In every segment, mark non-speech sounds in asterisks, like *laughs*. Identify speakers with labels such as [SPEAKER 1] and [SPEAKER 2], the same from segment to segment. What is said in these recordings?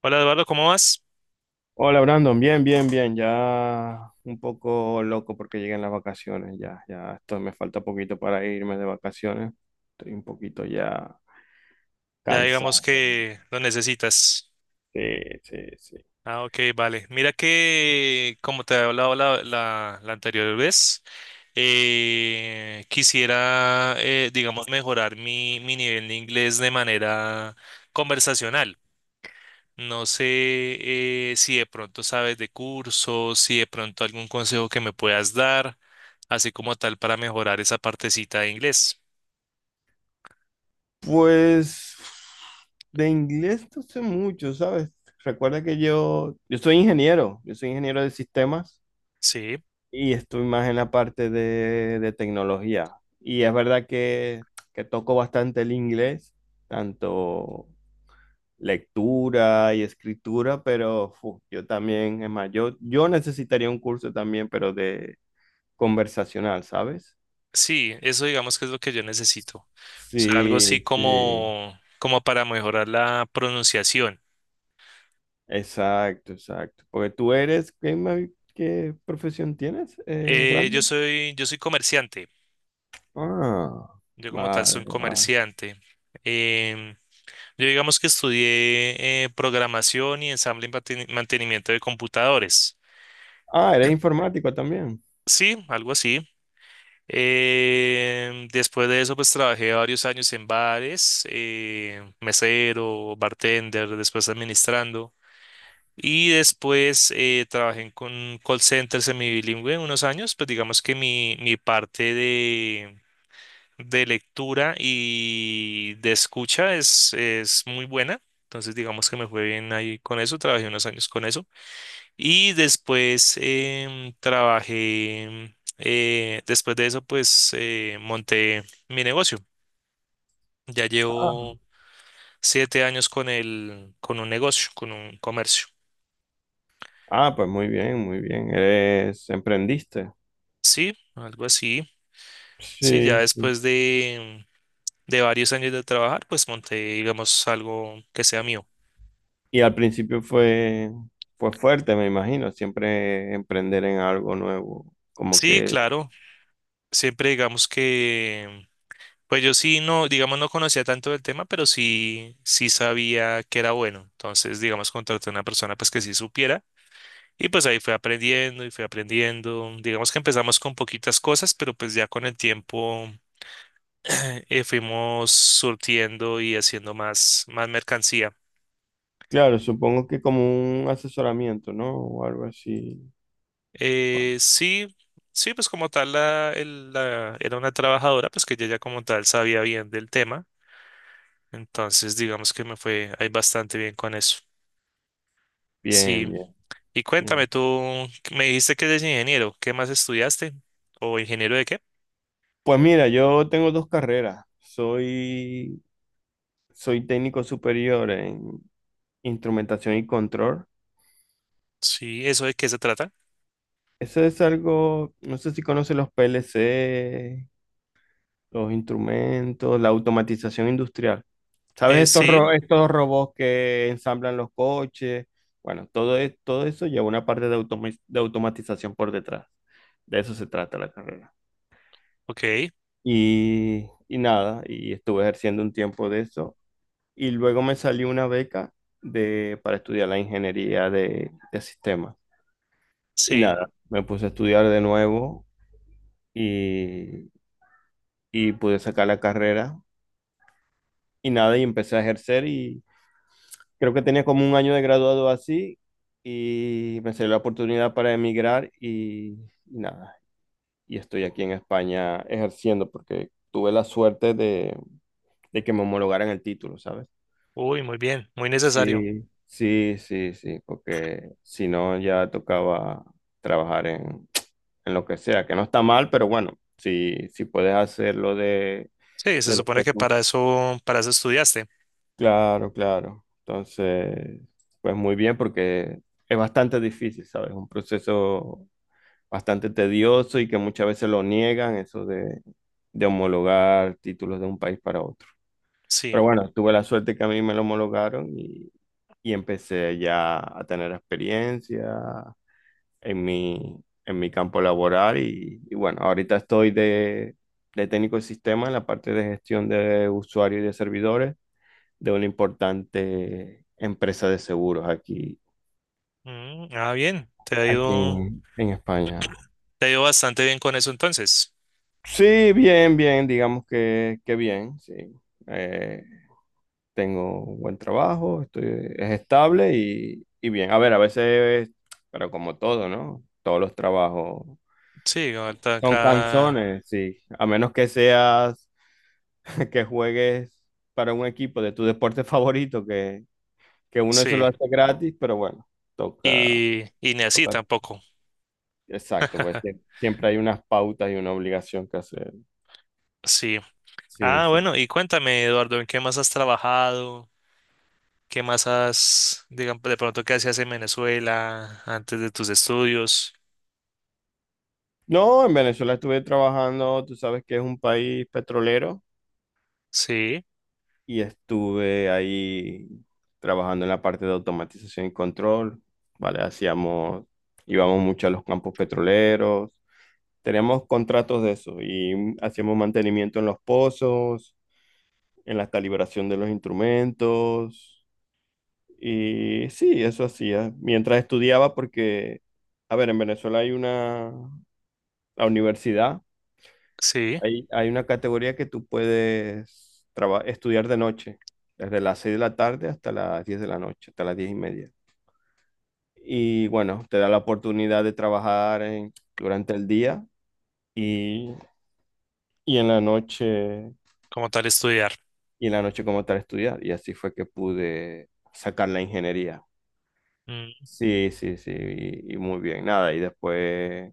[SPEAKER 1] Hola Eduardo, ¿cómo vas?
[SPEAKER 2] Hola, Brandon. Bien, bien, bien, ya un poco loco porque llegan las vacaciones. Ya, ya, esto me falta poquito para irme de vacaciones, estoy un poquito ya
[SPEAKER 1] Ya digamos
[SPEAKER 2] cansado.
[SPEAKER 1] que lo necesitas.
[SPEAKER 2] Sí, sí, sí.
[SPEAKER 1] Ah, ok, vale. Mira que, como te había hablado la anterior vez, quisiera, digamos, mejorar mi nivel de inglés de manera conversacional. No sé si de pronto sabes de cursos, si de pronto algún consejo que me puedas dar, así como tal para mejorar esa partecita de inglés.
[SPEAKER 2] Pues de inglés no sé mucho, ¿sabes? Recuerda que yo soy ingeniero, yo soy ingeniero de sistemas
[SPEAKER 1] Sí.
[SPEAKER 2] y estoy más en la parte de tecnología. Y es verdad que toco bastante el inglés, tanto lectura y escritura, pero yo también, es más, yo necesitaría un curso también, pero de conversacional, ¿sabes?
[SPEAKER 1] Sí, eso digamos que es lo que yo necesito. O sea, algo así
[SPEAKER 2] Sí, sí,
[SPEAKER 1] como para mejorar la pronunciación.
[SPEAKER 2] exacto, exacto. Porque tú eres... ¿Qué, qué profesión tienes,
[SPEAKER 1] Eh, yo
[SPEAKER 2] Brandon?
[SPEAKER 1] soy, yo soy comerciante.
[SPEAKER 2] Ah,
[SPEAKER 1] Yo como tal soy
[SPEAKER 2] vale,
[SPEAKER 1] un
[SPEAKER 2] vale.
[SPEAKER 1] comerciante. Em, yo digamos que estudié programación y ensamble y mantenimiento de computadores.
[SPEAKER 2] Ah, eres informático también.
[SPEAKER 1] Sí, algo así. Después de eso, pues trabajé varios años en bares, mesero, bartender, después administrando. Y después trabajé en con call center bilingüe unos años, pues digamos que mi parte de lectura y de escucha es muy buena. Entonces digamos que me fue bien ahí con eso, trabajé unos años con eso. Y después trabajé, después de eso pues monté mi negocio. Ya
[SPEAKER 2] Ah,
[SPEAKER 1] llevo 7 años con el, con un negocio, con un comercio.
[SPEAKER 2] ah, pues muy bien, muy bien. Emprendiste.
[SPEAKER 1] Sí, algo así. Sí, ya
[SPEAKER 2] Sí.
[SPEAKER 1] después de varios años de trabajar, pues monté, digamos, algo que sea mío.
[SPEAKER 2] Y al principio fue fuerte, me imagino, siempre emprender en algo nuevo. Como
[SPEAKER 1] Sí,
[SPEAKER 2] que,
[SPEAKER 1] claro, siempre digamos que, pues yo sí no, digamos, no conocía tanto del tema, pero sí, sí sabía que era bueno. Entonces, digamos, contraté a una persona pues que sí supiera y pues ahí fui aprendiendo y fui aprendiendo. Digamos que empezamos con poquitas cosas, pero pues ya con el tiempo *clears throat* fuimos surtiendo y haciendo más, más mercancía.
[SPEAKER 2] claro, supongo que como un asesoramiento, ¿no? O algo así.
[SPEAKER 1] Sí sí, pues como tal era una trabajadora, pues que ella ya como tal sabía bien del tema, entonces digamos que me fue ahí bastante bien con eso. Sí,
[SPEAKER 2] Bien, bien,
[SPEAKER 1] y
[SPEAKER 2] bien.
[SPEAKER 1] cuéntame, tú me dijiste que eres ingeniero, ¿qué más estudiaste? ¿O ingeniero de qué?
[SPEAKER 2] Pues mira, yo tengo dos carreras. Soy técnico superior en instrumentación y control.
[SPEAKER 1] Sí, ¿eso de qué se trata?
[SPEAKER 2] Eso es algo, no sé si conoces los PLC, los instrumentos, la automatización industrial. ¿Sabes
[SPEAKER 1] Eh,
[SPEAKER 2] estos,
[SPEAKER 1] sí,
[SPEAKER 2] estos robots que ensamblan los coches? Bueno, todo, todo eso lleva una parte de automatización por detrás. De eso se trata la carrera.
[SPEAKER 1] ok,
[SPEAKER 2] Y nada, y estuve ejerciendo un tiempo de eso. Y luego me salió una beca para estudiar la ingeniería de sistemas. Y
[SPEAKER 1] sí,
[SPEAKER 2] nada, me puse a estudiar de nuevo y, y pude sacar la carrera. Y nada, y empecé a ejercer, y creo que tenía como un año de graduado así y me salió la oportunidad para emigrar y nada, y estoy aquí en España ejerciendo porque tuve la suerte de que me homologaran el título, ¿sabes?
[SPEAKER 1] uy, muy bien, muy necesario.
[SPEAKER 2] Sí, sí, sí, sí, porque si no ya tocaba trabajar en lo que sea, que no está mal, pero bueno, si puedes hacerlo
[SPEAKER 1] Sí, se
[SPEAKER 2] de lo
[SPEAKER 1] supone
[SPEAKER 2] que
[SPEAKER 1] que
[SPEAKER 2] tú...
[SPEAKER 1] para eso estudiaste.
[SPEAKER 2] Claro, claro. Entonces, pues muy bien porque es bastante difícil, ¿sabes? Un proceso bastante tedioso y que muchas veces lo niegan, eso de homologar títulos de un país para otro.
[SPEAKER 1] Sí,
[SPEAKER 2] Pero bueno, tuve la suerte que a mí me lo homologaron y empecé ya a tener experiencia en mi, en mi campo laboral. Y bueno, ahorita estoy de técnico de sistema en la parte de gestión de usuarios y de servidores de una importante empresa de seguros aquí,
[SPEAKER 1] mm, ah, bien, te ha
[SPEAKER 2] aquí
[SPEAKER 1] ido,
[SPEAKER 2] en España.
[SPEAKER 1] te ha ido bastante bien con eso entonces.
[SPEAKER 2] Sí, bien, bien, digamos que bien, sí. Eh, tengo un buen trabajo, es estable y bien. A ver, a veces, pero como todo, ¿no? Todos los trabajos
[SPEAKER 1] Sí, ahorita
[SPEAKER 2] son
[SPEAKER 1] acá,
[SPEAKER 2] canzones, sí. A menos que seas, *laughs* que juegues para un equipo de tu deporte favorito, que, uno eso lo
[SPEAKER 1] sí,
[SPEAKER 2] hace gratis, pero bueno, toca,
[SPEAKER 1] y ni así
[SPEAKER 2] toca.
[SPEAKER 1] tampoco.
[SPEAKER 2] Exacto, pues
[SPEAKER 1] *laughs*
[SPEAKER 2] siempre hay unas pautas y una obligación que hacer.
[SPEAKER 1] Sí.
[SPEAKER 2] Sí,
[SPEAKER 1] Ah,
[SPEAKER 2] sí.
[SPEAKER 1] bueno, y cuéntame, Eduardo, ¿en qué más has trabajado? ¿Qué más has, digamos, de pronto qué hacías en Venezuela antes de tus estudios?
[SPEAKER 2] No, en Venezuela estuve trabajando, tú sabes que es un país petrolero
[SPEAKER 1] Sí,
[SPEAKER 2] y estuve ahí trabajando en la parte de automatización y control, ¿vale? Íbamos mucho a los campos petroleros, teníamos contratos de eso y hacíamos mantenimiento en los pozos, en la calibración de los instrumentos y sí, eso hacía mientras estudiaba porque, a ver, en Venezuela hay una la universidad.
[SPEAKER 1] sí,
[SPEAKER 2] Hay una categoría que tú puedes estudiar de noche, desde las 6 de la tarde hasta las 10 de la noche, hasta las 10 y media. Y bueno, te da la oportunidad de trabajar durante el día y, y en la noche,
[SPEAKER 1] como tal estudiar.
[SPEAKER 2] y en la noche como tal estudiar. Y así fue que pude sacar la ingeniería.
[SPEAKER 1] Mm,
[SPEAKER 2] Sí, sí, sí, y muy bien, nada. Y después,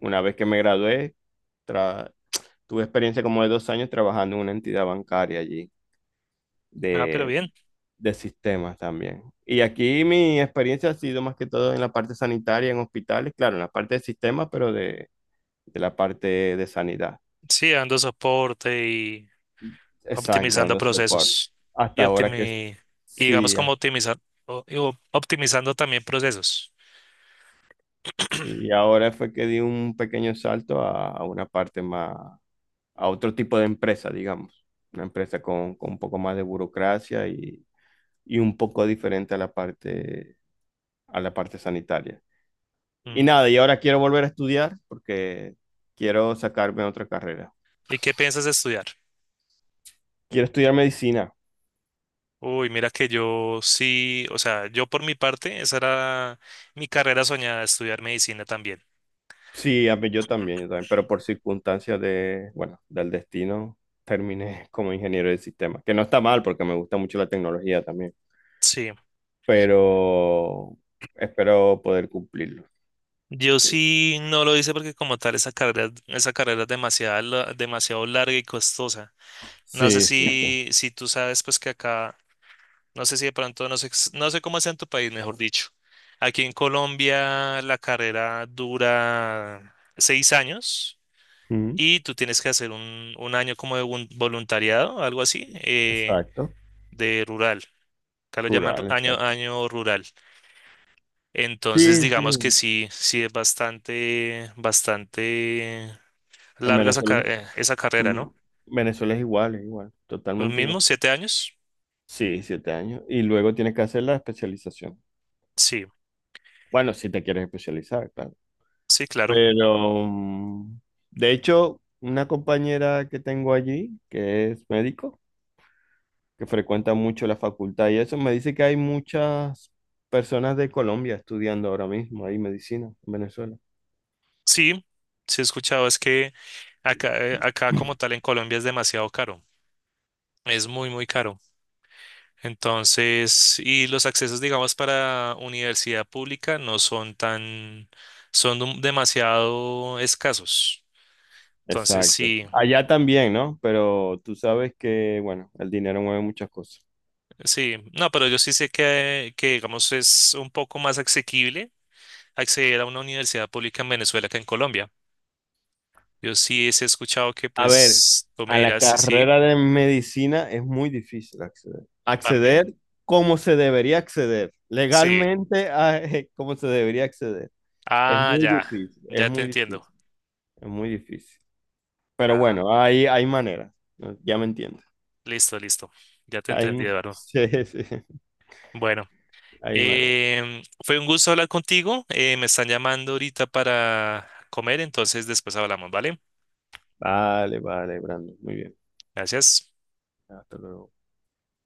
[SPEAKER 2] una vez que me gradué, tra- tuve experiencia como de 2 años trabajando en una entidad bancaria allí
[SPEAKER 1] ah, pero
[SPEAKER 2] de,
[SPEAKER 1] bien.
[SPEAKER 2] de sistemas también. Y aquí mi experiencia ha sido más que todo en la parte sanitaria, en hospitales, claro, en la parte de sistemas, pero de la parte de sanidad.
[SPEAKER 1] Sí, dando soporte y
[SPEAKER 2] Exacto,
[SPEAKER 1] optimizando
[SPEAKER 2] dando soporte.
[SPEAKER 1] procesos. Y
[SPEAKER 2] Hasta ahora que...
[SPEAKER 1] optimi- y digamos
[SPEAKER 2] Sí,
[SPEAKER 1] como optimizar, optimizando también procesos.
[SPEAKER 2] sí. Y ahora fue que di un pequeño salto a una parte más, a otro tipo de empresa, digamos. Una empresa con un poco más de burocracia y un poco diferente a la parte sanitaria. Y
[SPEAKER 1] Mm,
[SPEAKER 2] nada, y ahora quiero volver a estudiar porque quiero sacarme otra carrera.
[SPEAKER 1] ¿y qué piensas estudiar?
[SPEAKER 2] Quiero estudiar medicina.
[SPEAKER 1] Uy, mira que yo sí, o sea, yo por mi parte, esa era mi carrera soñada, estudiar medicina también.
[SPEAKER 2] Sí, yo también, pero por circunstancias de, bueno, del destino, terminé *laughs* como ingeniero de sistemas que no está mal porque me gusta mucho la tecnología también,
[SPEAKER 1] Sí,
[SPEAKER 2] pero espero poder cumplirlo.
[SPEAKER 1] yo
[SPEAKER 2] Sí,
[SPEAKER 1] sí no lo hice porque como tal esa carrera es demasiado, demasiado larga y costosa. No sé
[SPEAKER 2] sí, sí. Sí.
[SPEAKER 1] si tú sabes pues que acá, no sé si de pronto, no sé cómo es en tu país, mejor dicho. Aquí en Colombia la carrera dura 6 años
[SPEAKER 2] Ujú.
[SPEAKER 1] y tú tienes que hacer un año como de voluntariado, algo así,
[SPEAKER 2] Exacto.
[SPEAKER 1] de rural. Acá lo llaman ru-
[SPEAKER 2] Rural,
[SPEAKER 1] año,
[SPEAKER 2] exacto.
[SPEAKER 1] año rural. Entonces,
[SPEAKER 2] Sí, sí.
[SPEAKER 1] digamos que sí, sí es bastante, bastante
[SPEAKER 2] En
[SPEAKER 1] larga esa, ca-
[SPEAKER 2] Venezuela,
[SPEAKER 1] eh, esa carrera,
[SPEAKER 2] mm,
[SPEAKER 1] ¿no?
[SPEAKER 2] Venezuela es igual,
[SPEAKER 1] ¿Los
[SPEAKER 2] totalmente igual.
[SPEAKER 1] mismos 7 años?
[SPEAKER 2] Sí, 7 años. Y luego tienes que hacer la especialización.
[SPEAKER 1] Sí,
[SPEAKER 2] Bueno, si te quieres especializar, claro.
[SPEAKER 1] sí, claro.
[SPEAKER 2] Pero, de hecho, una compañera que tengo allí, que es médico, que frecuenta mucho la facultad y eso, me dice que hay muchas personas de Colombia estudiando ahora mismo ahí medicina en Venezuela.
[SPEAKER 1] Sí, sí he escuchado, es que acá como
[SPEAKER 2] *laughs*
[SPEAKER 1] tal en Colombia es demasiado caro. Es muy, muy caro. Entonces, y los accesos, digamos, para universidad pública no son tan, son demasiado escasos. Entonces,
[SPEAKER 2] Exacto.
[SPEAKER 1] sí.
[SPEAKER 2] Allá también, ¿no? Pero tú sabes que, bueno, el dinero mueve muchas cosas.
[SPEAKER 1] Sí, no, pero yo sí sé que, digamos, es un poco más asequible acceder a una universidad pública en Venezuela que en Colombia. Yo sí sí he escuchado que,
[SPEAKER 2] A ver,
[SPEAKER 1] pues, tú me
[SPEAKER 2] a la
[SPEAKER 1] dirás si sí,
[SPEAKER 2] carrera de medicina es muy difícil acceder.
[SPEAKER 1] van
[SPEAKER 2] Acceder
[SPEAKER 1] bien.
[SPEAKER 2] como se debería acceder,
[SPEAKER 1] Sí.
[SPEAKER 2] legalmente *laughs* como se debería acceder. Es
[SPEAKER 1] Ah,
[SPEAKER 2] muy
[SPEAKER 1] ya,
[SPEAKER 2] difícil, es
[SPEAKER 1] ya te
[SPEAKER 2] muy
[SPEAKER 1] entiendo.
[SPEAKER 2] difícil, es muy difícil. Pero
[SPEAKER 1] Ah,
[SPEAKER 2] bueno, hay maneras, ¿no? Ya me entiendes.
[SPEAKER 1] listo, listo. Ya te entendí,
[SPEAKER 2] Hay, *laughs*
[SPEAKER 1] Eduardo.
[SPEAKER 2] sí, sí,
[SPEAKER 1] Bueno,
[SPEAKER 2] hay maneras.
[SPEAKER 1] fue un gusto hablar contigo. Me están llamando ahorita para comer, entonces después hablamos, ¿vale?
[SPEAKER 2] Vale, vale, Brando, muy bien.
[SPEAKER 1] Gracias.
[SPEAKER 2] Hasta luego.